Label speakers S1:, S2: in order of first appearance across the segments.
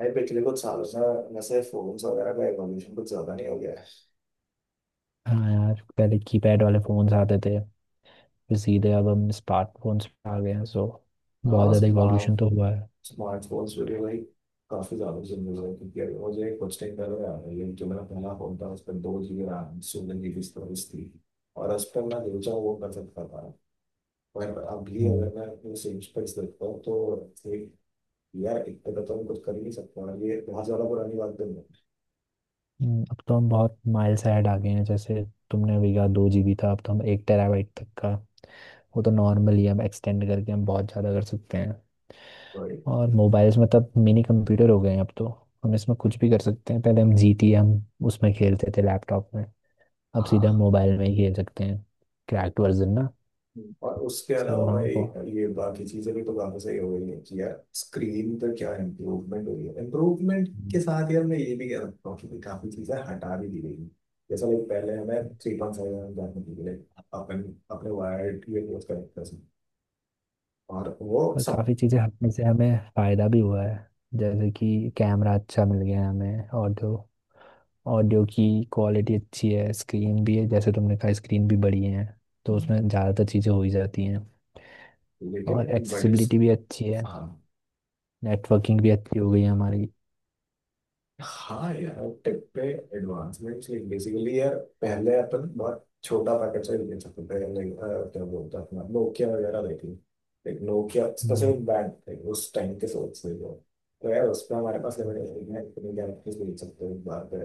S1: भाई पिछले कुछ सालों से वैसे फोन्स वगैरह का एवोल्यूशन कुछ ज्यादा नहीं हो गया है।
S2: हाँ यार, पहले कीपैड वाले फोन्स आते थे। फिर सीधे अब हम स्मार्टफोन्स पे आ गए हैं, सो बहुत
S1: हाँ,
S2: ज़्यादा इवोल्यूशन
S1: स्मार्ट
S2: तो हुआ है।
S1: स्मार्टफोन्स पे भी भाई काफी ज्यादा चेंजेस हुए हैं, क्योंकि अभी मुझे कुछ टाइम पहले याद है ये जो मेरा पहला फोन था उस पर 2 GB रैम 16 GB स्टोरेज थी और उस पर मैं जो चाहूँ वो कर सकता था। पर अभी
S2: हम्म,
S1: अगर मैं अपने सेम स्पेस देखता हूँ तो एक यार एक तरह तो हम कुछ कर ही नहीं सकते, और ये बहुत ज्यादा पुरानी बात तो नहीं है।
S2: हम्म। अब तो हम बहुत माइल्स ahead आ गए हैं, जैसे तुमने अभी कहा 2 GB था, अब तो हम 1 TB तक का वो तो नॉर्मल ही है, हम एक्सटेंड करके हम बहुत ज़्यादा कर सकते हैं।
S1: Sorry।
S2: और मोबाइल्स में तब मिनी कंप्यूटर हो गए हैं अब तो, हम इसमें कुछ भी कर सकते हैं। पहले हम GT हम उसमें खेलते थे लैपटॉप में, अब सीधा हम
S1: हाँ।
S2: मोबाइल में ही खेल सकते हैं, क्रैक्ड वर्जन ना।
S1: हम्म। और उसके
S2: सो
S1: अलावा
S2: हाँ,
S1: एक
S2: बहुत।
S1: ये बाकी चीजें भी तो काफी सही हो गई है कि यार स्क्रीन पे क्या इम्प्रूवमेंट हो रही है। इम्प्रूवमेंट के साथ यार मैं ये भी कह सकता हूँ कि काफी चीजें हटा भी दी गई हैं। जैसा लाइक पहले हमें 3.5 mm जाने के लिए अपन अपने वायर्ड ये कनेक्ट कर सकते हैं। और वो
S2: पर
S1: सब
S2: काफ़ी चीज़ें हटने से हमें फ़ायदा भी हुआ है, जैसे कि कैमरा अच्छा मिल गया है हमें। ऑडियो ऑडियो की क्वालिटी अच्छी है, स्क्रीन भी है, जैसे तुमने कहा स्क्रीन भी बड़ी है, तो उसमें ज़्यादातर चीज़ें हो ही जाती हैं।
S1: लेकिन
S2: और
S1: इन बड़े।
S2: एक्सेसिबिलिटी भी अच्छी है,
S1: हाँ।
S2: नेटवर्किंग भी अच्छी हो गई है हमारी।
S1: हाँ यार, टेक पे एडवांसमेंट बेसिकली यार पहले अपन बहुत छोटा पैकेट से ले सकते थे। लाइक क्या बोलते हैं अपना नोकिया वगैरह देखी। लाइक नोकिया
S2: हम्म,
S1: स्पेसिफिक ब्रांड थे उस टाइम के, सोच से जो। तो यार उस पर हमारे पास लिमिटेड है, इतने गैलेक्सीज बेच सकते हैं एक बार पे।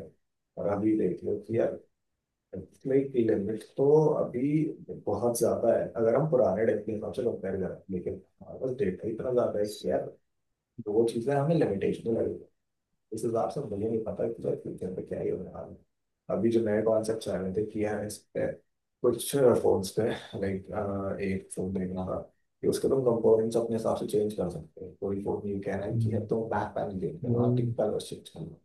S1: और अभी देख लो कि यार लाइक लिमिट तो अभी बहुत ज्यादा है अगर हम पुराने डेट के हिसाब से कंपेयर करें, लेकिन हमारे पास डेटा इतना ज्यादा है कि यार दो चीजें हमें लिमिटेशन लगे। इस हिसाब से मुझे नहीं पता कि फ्यूचर पे क्या ही होने वाला है। अभी जो नए कॉन्सेप्ट आए हुए थे किया है इस पे कुछ फोन्स पे, लाइक एक फोन देख रहा था कि उसके तुम कंपोनेंट्स अपने हिसाब से चेंज कर सकते हो। कोई फोन ये कह रहा है कि है
S2: हम्म।
S1: तुम बैक पैनल चेंज
S2: वो
S1: करना, आप टिक पैनल चेंज करना।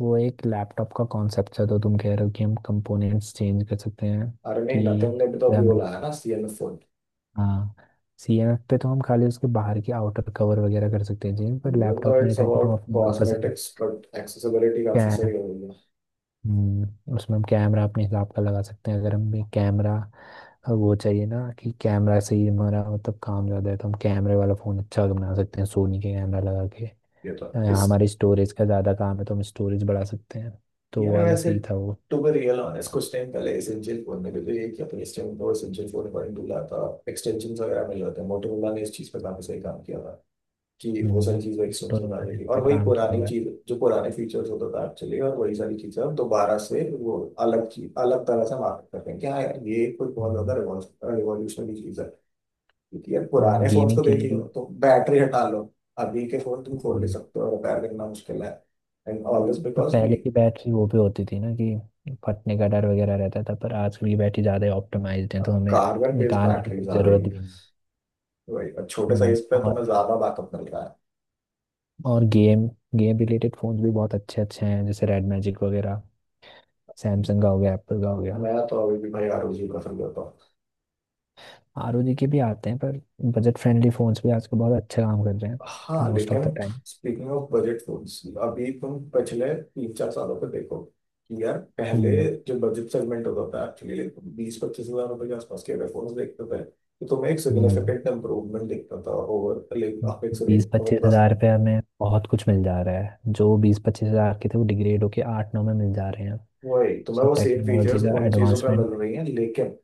S2: वो एक लैपटॉप का कॉन्सेप्ट है, तो तुम कह रहे हो कि हम कंपोनेंट्स चेंज कर सकते हैं?
S1: अरे नहीं, नथिंग
S2: कि
S1: ने भी तो अभी वो लाया ना CNF फोन।
S2: हाँ, CMF पे तो हम खाली उसके बाहर की आउटर कवर वगैरह कर सकते हैं जी। पर
S1: इवन दो
S2: लैपटॉप में ये
S1: इट्स
S2: था कि तुम
S1: अबाउट
S2: अपने मनपसंद
S1: कॉस्मेटिक्स बट एक्सेसिबिलिटी
S2: क्या
S1: काफी
S2: है।
S1: सही हो गई है।
S2: हम्म। उसमें हम कैमरा अपने हिसाब का लगा सकते हैं, अगर हमें कैमरा वो चाहिए, ना कि कैमरा से ही हमारा मतलब काम ज़्यादा है, तो हम कैमरे वाला फ़ोन अच्छा बना सकते हैं सोनी के कैमरा लगा के।
S1: ये तो है।
S2: या
S1: इस
S2: हमारे स्टोरेज का ज़्यादा काम है तो हम स्टोरेज बढ़ा सकते हैं। तो वो
S1: यार
S2: वाला
S1: वैसे
S2: सही था वो।
S1: टू बी रियल ऑनेस्ट कुछ टाइम पहले एसेंशियल फोन में भी तो ये किया था। इस टाइम तो एसेंशियल फोन बड़ी दूर आता, एक्सटेंशन वगैरह मिल जाते हैं। मोटोरोला ने इस चीज़ पे काफी सही काम किया था कि वो सारी चीज़ें
S2: हम्म, तो
S1: एक्सटेंशन आ
S2: उन्होंने
S1: जाएगी, और
S2: अच्छा
S1: वही
S2: काम किया
S1: पुरानी
S2: हुआ है।
S1: चीज जो पुराने फीचर्स होता था एक्चुअली, और वही सारी चीज़ें अब दोबारा से वो अलग चीज अलग तरह से मार्केट कर रहे हैं कि हाँ यार ये कोई बहुत ज्यादा
S2: हम्म,
S1: रिवॉल्यूशनरी चीज़ है। क्योंकि यार पुराने फोन
S2: गेमिंग
S1: को
S2: के
S1: देख
S2: लिए
S1: लो तो बैटरी हटा लो, अभी के फोन तुम खोल नहीं
S2: भी।
S1: सकते हो, रिपेयर करना मुश्किल है। एंड ऑल दिस
S2: पर
S1: बिकॉज
S2: पहले
S1: ये
S2: की बैटरी वो भी होती थी, ना कि फटने का डर वगैरह रहता था, पर आजकल की बैटरी ज़्यादा ऑप्टिमाइज्ड है
S1: अब
S2: तो हमें
S1: कार्बन बेस्ड
S2: निकालने की
S1: बैटरीज
S2: कोई
S1: आ गई
S2: ज़रूरत
S1: हैं।
S2: भी नहीं।
S1: वही अब छोटे
S2: हम्म।
S1: साइज पे तो मैं
S2: और
S1: ज्यादा बैकअप मिल रहा है।
S2: और गेम गेम रिलेटेड फ़ोन्स भी बहुत अच्छे अच्छे हैं, जैसे रेड मैजिक वगैरह, सैमसंग का हो गया, एप्पल का हो गया।
S1: मैं तो अभी भी भाई ROG प्रेफर करता हूँ।
S2: ROG के भी आते हैं, पर बजट फ्रेंडली फ़ोन्स भी आजकल बहुत अच्छा काम कर रहे हैं
S1: हाँ,
S2: मोस्ट ऑफ द
S1: लेकिन
S2: time.
S1: Speaking of budget phones, अभी तुम पिछले तीन चार सालों पे देखो कि यार पहले
S2: हम्म,
S1: जो बजट सेगमेंट होता था एक्चुअली, 20-25 हजार रुपए के आसपास के अगर फोन्स देखते थे तो तुम्हें एक
S2: हम्म।
S1: सिग्निफिकेंट इम्प्रूवमेंट दिखता था ओवर लाइक अपेक्स रेंज,
S2: बीस
S1: ओवर
S2: पच्चीस
S1: दस।
S2: हजार रुपये में बहुत कुछ मिल जा रहा है, जो 20-25 हज़ार के थे वो डिग्रेड होके 8-9 में मिल जा रहे हैं।
S1: वही तुम्हें
S2: सर,
S1: वो सेम
S2: टेक्नोलॉजी
S1: फीचर्स
S2: का
S1: उन चीजों पर मिल
S2: एडवांसमेंट।
S1: रही हैं, लेकिन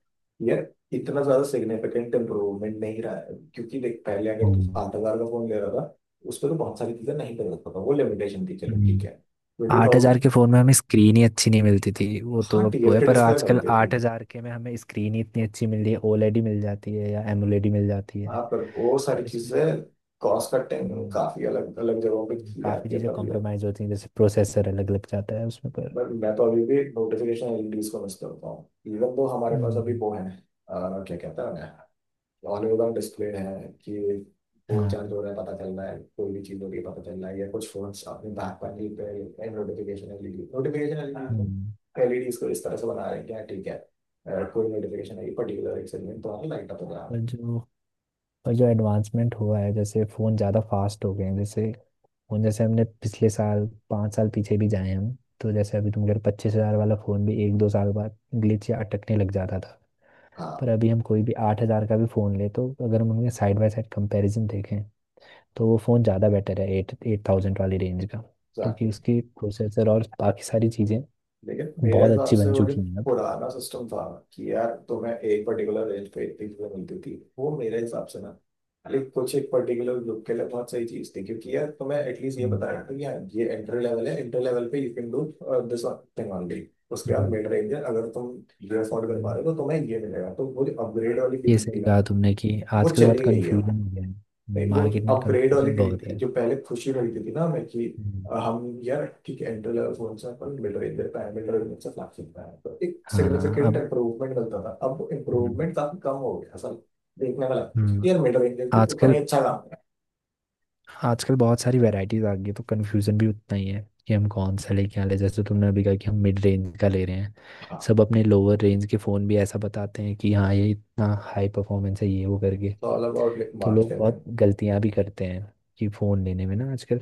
S1: ये इतना ज्यादा सिग्निफिकेंट इम्प्रूवमेंट नहीं रहा है। क्योंकि देख, पहले अगर तू
S2: हम्म,
S1: 8 हजार का फोन ले रहा था, उस पर तो बहुत सारी चीजें नहीं कर सकता था, वो लिमिटेशन थी, चलो ठीक
S2: हम्म।
S1: है। ट्वेंटी
S2: 8 हज़ार
S1: थाउजेंड
S2: के फोन में हमें स्क्रीन ही अच्छी नहीं मिलती थी वो तो,
S1: हाँ,
S2: अब वो है
S1: TFT
S2: पर,
S1: डिस्प्ले
S2: आजकल
S1: मिलती थी।
S2: 8 हज़ार के में हमें स्क्रीन ही इतनी अच्छी मिल रही है, ओलेडी मिल जाती है या एमोलेडी मिल जाती है।
S1: हाँ पर वो सारी
S2: पर इसमें
S1: चीजें कॉस्ट कटिंग
S2: हम्म,
S1: काफी अलग अलग जगहों पे की
S2: काफी
S1: जाती है
S2: चीजें
S1: तभी, और
S2: कॉम्प्रोमाइज होती हैं जैसे प्रोसेसर अलग लग जाता है उसमें। पर
S1: बट मैं तो अभी भी नोटिफिकेशन LEDs को मिस करता हूँ। इवन तो हमारे पास अभी
S2: हम्म,
S1: वो है, क्या कहता है, ऑल ओवर डिस्प्ले है कि फोन
S2: हाँ,
S1: चार्ज हो रहा है पता चल रहा है, कोई भी चीज हो रही है पता चल रहा है। या कुछ फोन्स अपने बैक पैनल पे नोटिफिकेशन LED, नोटिफिकेशन
S2: हम्म।
S1: एलईडी इसको इस तरह से बना रहे हैं क्या, ठीक है। कोई नोटिफिकेशन आई पर्टिकुलर एक सेगमेंट तो हमें लाइट अप हो रहा है।
S2: पर जो पर जो एडवांसमेंट हुआ है, जैसे फ़ोन ज़्यादा फास्ट हो गए हैं। जैसे और जैसे हमने पिछले साल 5 साल पीछे भी जाए हम, तो जैसे अभी तुम कह रहे 25 हज़ार वाला फ़ोन भी 1-2 साल बाद ग्लिच या अटकने लग जाता था। पर
S1: हाँ,
S2: अभी हम कोई भी 8 हज़ार का भी फ़ोन ले, तो अगर हम उनके साइड बाय साइड कंपैरिजन देखें, तो वो फ़ोन ज़्यादा बेटर है एट एट थाउजेंड वाली रेंज का, क्योंकि
S1: एग्जैक्टली।
S2: उसकी प्रोसेसर और बाकी सारी चीज़ें
S1: लेकिन मेरे
S2: बहुत
S1: हिसाब
S2: अच्छी
S1: से
S2: बन
S1: वो जो
S2: चुकी हैं अब।
S1: पुराना सिस्टम था कि यार तुम्हें एक पर्टिकुलर रेंज पे इतनी चीजें मिलती थी, वो मेरे हिसाब से ना लाइक कुछ एक पर्टिकुलर ग्रुप के लिए बहुत सही चीज थी। क्योंकि यार तुम्हें एटलीस्ट ये बता
S2: हम्म,
S1: रहा था कि यार ये एंट्री लेवल है, एंट्री लेवल पे you can do this one thing only. उसके बाद
S2: हम्म,
S1: मिड रेंज है, अगर तुम ये अफोर्ड कर पा
S2: हम्म।
S1: रहे हो तो तुम्हें ये मिलेगा। तो वो जो अपग्रेड वाली
S2: ये
S1: फीलिंग थी
S2: सही
S1: ना,
S2: कहा तुमने कि
S1: वो
S2: आजकल बहुत
S1: चली गई है।
S2: कंफ्यूजन हो गया है,
S1: नहीं वो जो
S2: मार्केट में
S1: अपग्रेड वाली
S2: कंफ्यूजन
S1: फीलिंग
S2: बहुत
S1: थी
S2: है।
S1: जो पहले खुशी मिलती थी ना हमें कि
S2: हम्म,
S1: हम यार, ठीक है एंट्री लेवल फोन से अपन मिड रेंज दे पाए, मिड रेंज से फ्लैगशिप पाए, तो एक
S2: हाँ,
S1: सिग्निफिकेंट
S2: अब
S1: इंप्रूवमेंट मिलता था। अब
S2: हम्म,
S1: इम्प्रूवमेंट काफी कम हो गया असल देखने वाला,
S2: हम्म।
S1: यार मिड रेंज भी उतना ही
S2: आजकल
S1: अच्छा काम।
S2: आजकल बहुत सारी वैरायटीज आ गई है, तो कंफ्यूजन भी उतना ही है कि हम कौन सा लेके आ ले। जैसे तुमने अभी कहा कि हम मिड रेंज का ले रहे हैं,
S1: हाँ,
S2: सब अपने लोअर रेंज के फ़ोन भी ऐसा बताते हैं कि हाँ ये इतना हाई परफॉर्मेंस है ये वो करके।
S1: तो ऑल अबाउट लाइक
S2: तो लोग
S1: मार्केटिंग
S2: बहुत
S1: एंड
S2: गलतियाँ भी करते हैं कि फ़ोन लेने में ना आजकल।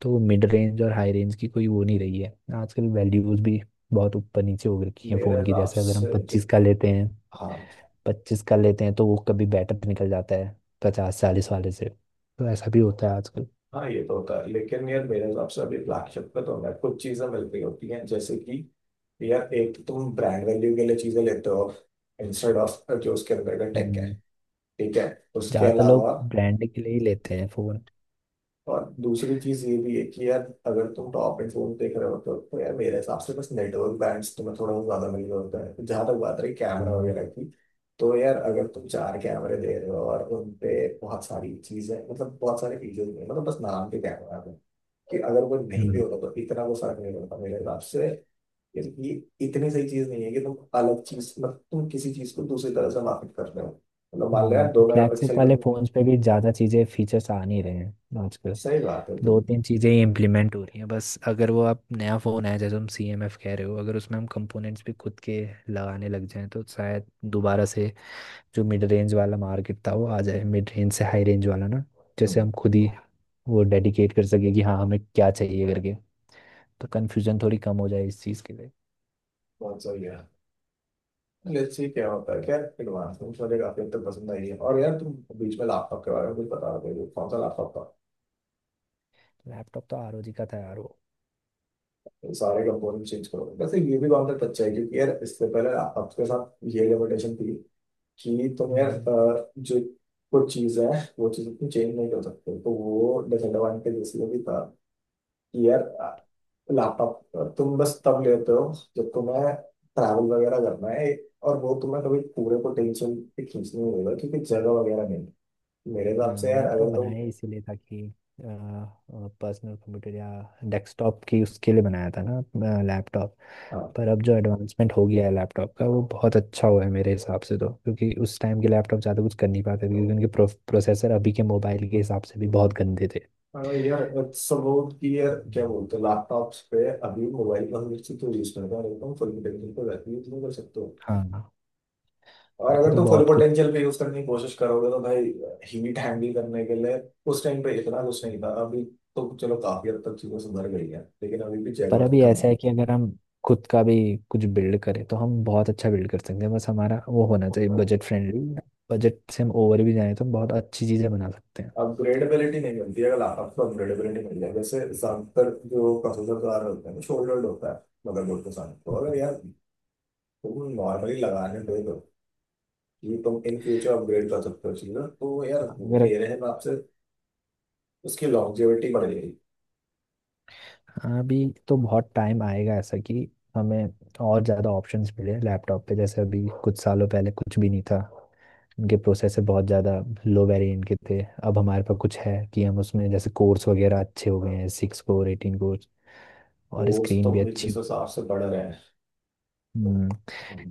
S2: तो मिड रेंज और हाई रेंज की कोई वो नहीं रही है आजकल। वैल्यूज भी बहुत ऊपर नीचे हो रखी है
S1: मेरे
S2: फ़ोन की,
S1: हिसाब
S2: जैसे अगर हम
S1: से जो।
S2: पच्चीस का लेते हैं
S1: हाँ।
S2: पच्चीस का लेते हैं तो वो कभी बेटर निकल जाता है 50-40 वाले से। तो ऐसा भी होता है आजकल।
S1: हाँ, ये तो होता है। लेकिन यार मेरे हिसाब से अभी फ्लैगशिप पे तो ना कुछ चीजें मिल रही होती हैं, जैसे कि यार एक तो तुम ब्रांड वैल्यू के लिए चीजें लेते हो, इंस्टेड ऑफ जो उसके अंदर का टेक है, ठीक है। उसके
S2: ज्यादातर लोग
S1: अलावा,
S2: ब्रांड के लिए ही लेते हैं फोन।
S1: और दूसरी चीज ये भी है कि यार अगर तुम टॉप एंड फोन देख रहे हो तो यार मेरे हिसाब से बस नेटवर्क बैंड्स तुम्हें थोड़ा बहुत ज्यादा मिल रहा होता है। जहां तक बात रही कैमरा
S2: हम्म,
S1: वगैरह की, तो यार अगर तुम चार कैमरे दे रहे हो और उन पे बहुत सारी चीजें मतलब बहुत सारे फीचर्स नहीं, मतलब बस नाम के कैमरा है कि अगर वो नहीं भी होगा तो इतना वो फर्क नहीं पड़ता मेरे हिसाब से। यार ये इतनी सही चीज नहीं है कि तुम अलग चीज, मतलब तुम किसी चीज को दूसरी तरह से मार्केट कर रहे हो। मतलब मान लो यार
S2: हम्म।
S1: दो मेगा
S2: फ्लैगशिप
S1: पिक्सल का।
S2: वाले फोन्स पे भी ज्यादा चीजें फीचर्स आ नहीं रहे हैं आजकल,
S1: सही बात है
S2: दो
S1: तुम।
S2: तीन चीजें ही इम्प्लीमेंट हो रही हैं बस। अगर वो आप नया फोन है जैसे तुम CMF कह रहे हो, अगर उसमें हम कंपोनेंट्स भी खुद के लगाने लग जाएं तो शायद दोबारा से जो मिड रेंज वाला मार्केट था वो आ जाए, मिड रेंज से हाई रेंज वाला ना। जैसे
S1: हम्म।
S2: हम खुद ही वो डेडिकेट कर सके कि हाँ हमें क्या चाहिए करके, तो कन्फ्यूजन थोड़ी कम हो जाए इस चीज़ के लिए।
S1: बहुत सही है, लेट्स सी क्या होता है। क्या एडवांस में मुझे काफी हद तक पसंद आई है। और यार तुम बीच में लैपटॉप के बारे में कुछ बता रहे हो, कौन सा लैपटॉप था।
S2: लैपटॉप तो ROG का था यार वो।
S1: ये सारे कंपोनेंट चेंज करो, वैसे ये भी कॉन्सेप्ट अच्छा है क्योंकि यार इससे पहले लैपटॉप के साथ ये लिमिटेशन थी कि तुम यार
S2: हम्म।
S1: जो कुछ चीज है वो चीज तुम चेंज नहीं कर सकते, तो वो डिसएडवांटेज इसलिए भी था कि यार लैपटॉप तुम बस तब लेते हो जब तुम्हें ट्रैवल वगैरह करना है, और वो तुम्हें कभी पूरे को टेंशन खींचने नहीं होगा क्योंकि जगह वगैरह नहीं। मेरे हिसाब
S2: हाँ,
S1: से यार
S2: लैपटॉप
S1: अगर तुम,
S2: बनाया इसीलिए था कि पर्सनल कंप्यूटर या डेस्कटॉप की उसके लिए बनाया था ना, लैपटॉप।
S1: हाँ,
S2: पर अब जो एडवांसमेंट हो गया है लैपटॉप का वो बहुत अच्छा हुआ है मेरे हिसाब से, तो क्योंकि उस टाइम के लैपटॉप ज़्यादा कुछ कर नहीं पाते थे, क्योंकि उनके प्रोसेसर अभी के मोबाइल के हिसाब से भी बहुत गंदे थे।
S1: हाँ, यार अगर सब लोग की यार क्या
S2: हम्म।
S1: बोलते हैं लैपटॉप्स पे अभी मोबाइल पर से तो यूज करता है, एकदम फुल पोटेंशियल पे वैसे यूज नहीं कर सकते हो।
S2: हाँ,
S1: और
S2: अभी
S1: अगर
S2: तो
S1: तुम फुल
S2: बहुत कुछ।
S1: पोटेंशियल पे यूज करने की कोशिश करोगे तो भाई हीट हैंडल करने के लिए उस टाइम पे इतना कुछ नहीं था अभी। तो चलो काफी हद तक चीजें सुधर गई है, लेकिन अभी भी जगह
S2: पर
S1: की
S2: अभी
S1: कम है।
S2: ऐसा है कि अगर हम खुद का भी कुछ बिल्ड करें, तो हम बहुत अच्छा बिल्ड कर सकते हैं, बस हमारा वो होना चाहिए बजट फ्रेंडली। बजट से हम ओवर भी जाए तो हम बहुत अच्छी चीज़ें बना सकते हैं।
S1: अपग्रेडेबिलिटी नहीं मिलती है, अगर लैपटॉप को अपग्रेडेबिलिटी मिल जाए, जैसे ज्यादातर जो प्रोसेसर कार होते हैं वो शोल्डर्ड होता है मदरबोर्ड के साथ, तो अगर यार तुम नॉर्मली लगाने दे दो, ये तुम इन फ्यूचर अपग्रेड कर सकते हो चीज ना, तो यार
S2: अगर,
S1: मेरे हिसाब से उसकी लॉन्जेविटी बढ़ जाएगी।
S2: अभी तो बहुत टाइम आएगा ऐसा कि हमें और ज़्यादा ऑप्शंस मिले लैपटॉप पे। जैसे अभी कुछ सालों पहले कुछ भी नहीं था, उनके प्रोसेसर बहुत ज़्यादा लो वेरिएंट के थे। अब हमारे पास कुछ है कि हम उसमें जैसे कोर्स वगैरह अच्छे हो गए हैं, 6 कोर 18 कोर, और
S1: कोर्स तो
S2: स्क्रीन भी
S1: भाई
S2: अच्छी।
S1: जिस हिसाब से बढ़ रहे हैं।
S2: हम्म,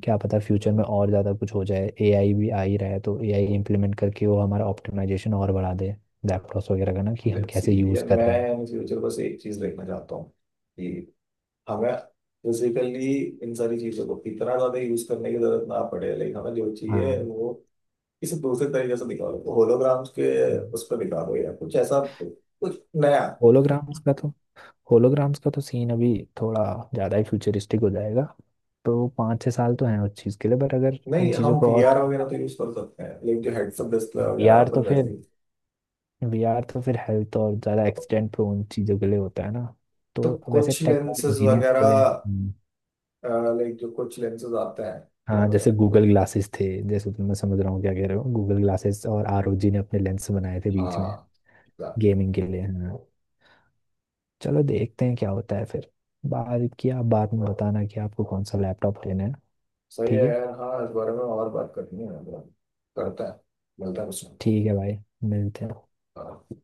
S2: क्या पता फ्यूचर में और ज़्यादा कुछ हो जाए, AI भी आ ही रहा है, तो AI इम्प्लीमेंट करके वो हमारा ऑप्टिमाइजेशन और बढ़ा दे लैपटॉप्स वगैरह का, ना कि हम
S1: लेट्स सी
S2: कैसे यूज़
S1: यार,
S2: कर
S1: मैं
S2: रहे हैं।
S1: इन फ्यूचर बस एक चीज देखना चाहता हूँ कि हमें फिजिकली इन सारी चीजों को इतना ज्यादा यूज करने की जरूरत ना पड़े, लेकिन हमें जो चाहिए
S2: हाँ।
S1: वो किसी दूसरे तरीके से दिखा दो, होलोग्राम्स के उस पर दिखा दो, या कुछ ऐसा कुछ नया।
S2: होलोग्राम्स का तो होलोग्राम्स का तो सीन अभी थोड़ा ज़्यादा ही फ्यूचरिस्टिक हो जाएगा, तो 5-6 साल तो हैं उस चीज़ के लिए, बट अगर इन
S1: नहीं,
S2: चीज़ों
S1: हम
S2: को और
S1: VR
S2: थोड़ा।
S1: वगैरह तो यूज कर सकते हैं, लेकिन जो हेडसअप डिस्प्ले वगैरह
S2: वीआर तो
S1: अपन
S2: फिर
S1: वैसे ही,
S2: वीआर तो फिर हेल्थ और ज़्यादा एक्सीडेंट प्रोन चीज़ों के लिए होता है ना,
S1: तो
S2: तो वैसे
S1: कुछ
S2: टेक और
S1: लेंसेज
S2: इंजीनियर्स के
S1: वगैरह,
S2: लिए।
S1: लाइक जो कुछ लेंसेज आते हैं।
S2: हाँ, जैसे गूगल ग्लासेस थे, जैसे तुम, मैं समझ रहा हूँ क्या कह रहे हो। गूगल ग्लासेस और ROG ने अपने लेंस बनाए थे बीच में
S1: हाँ, एग्जैक्टली।
S2: गेमिंग के लिए, हाँ। चलो देखते हैं क्या होता है फिर। बाद की आप बाद में बताना कि आपको कौन सा लैपटॉप लेना है।
S1: सही है
S2: ठीक है।
S1: यार, हाँ इस बारे में और बात करनी है। करता है, मिलता है कुछ।
S2: ठीक है भाई, मिलते हैं।
S1: हाँ।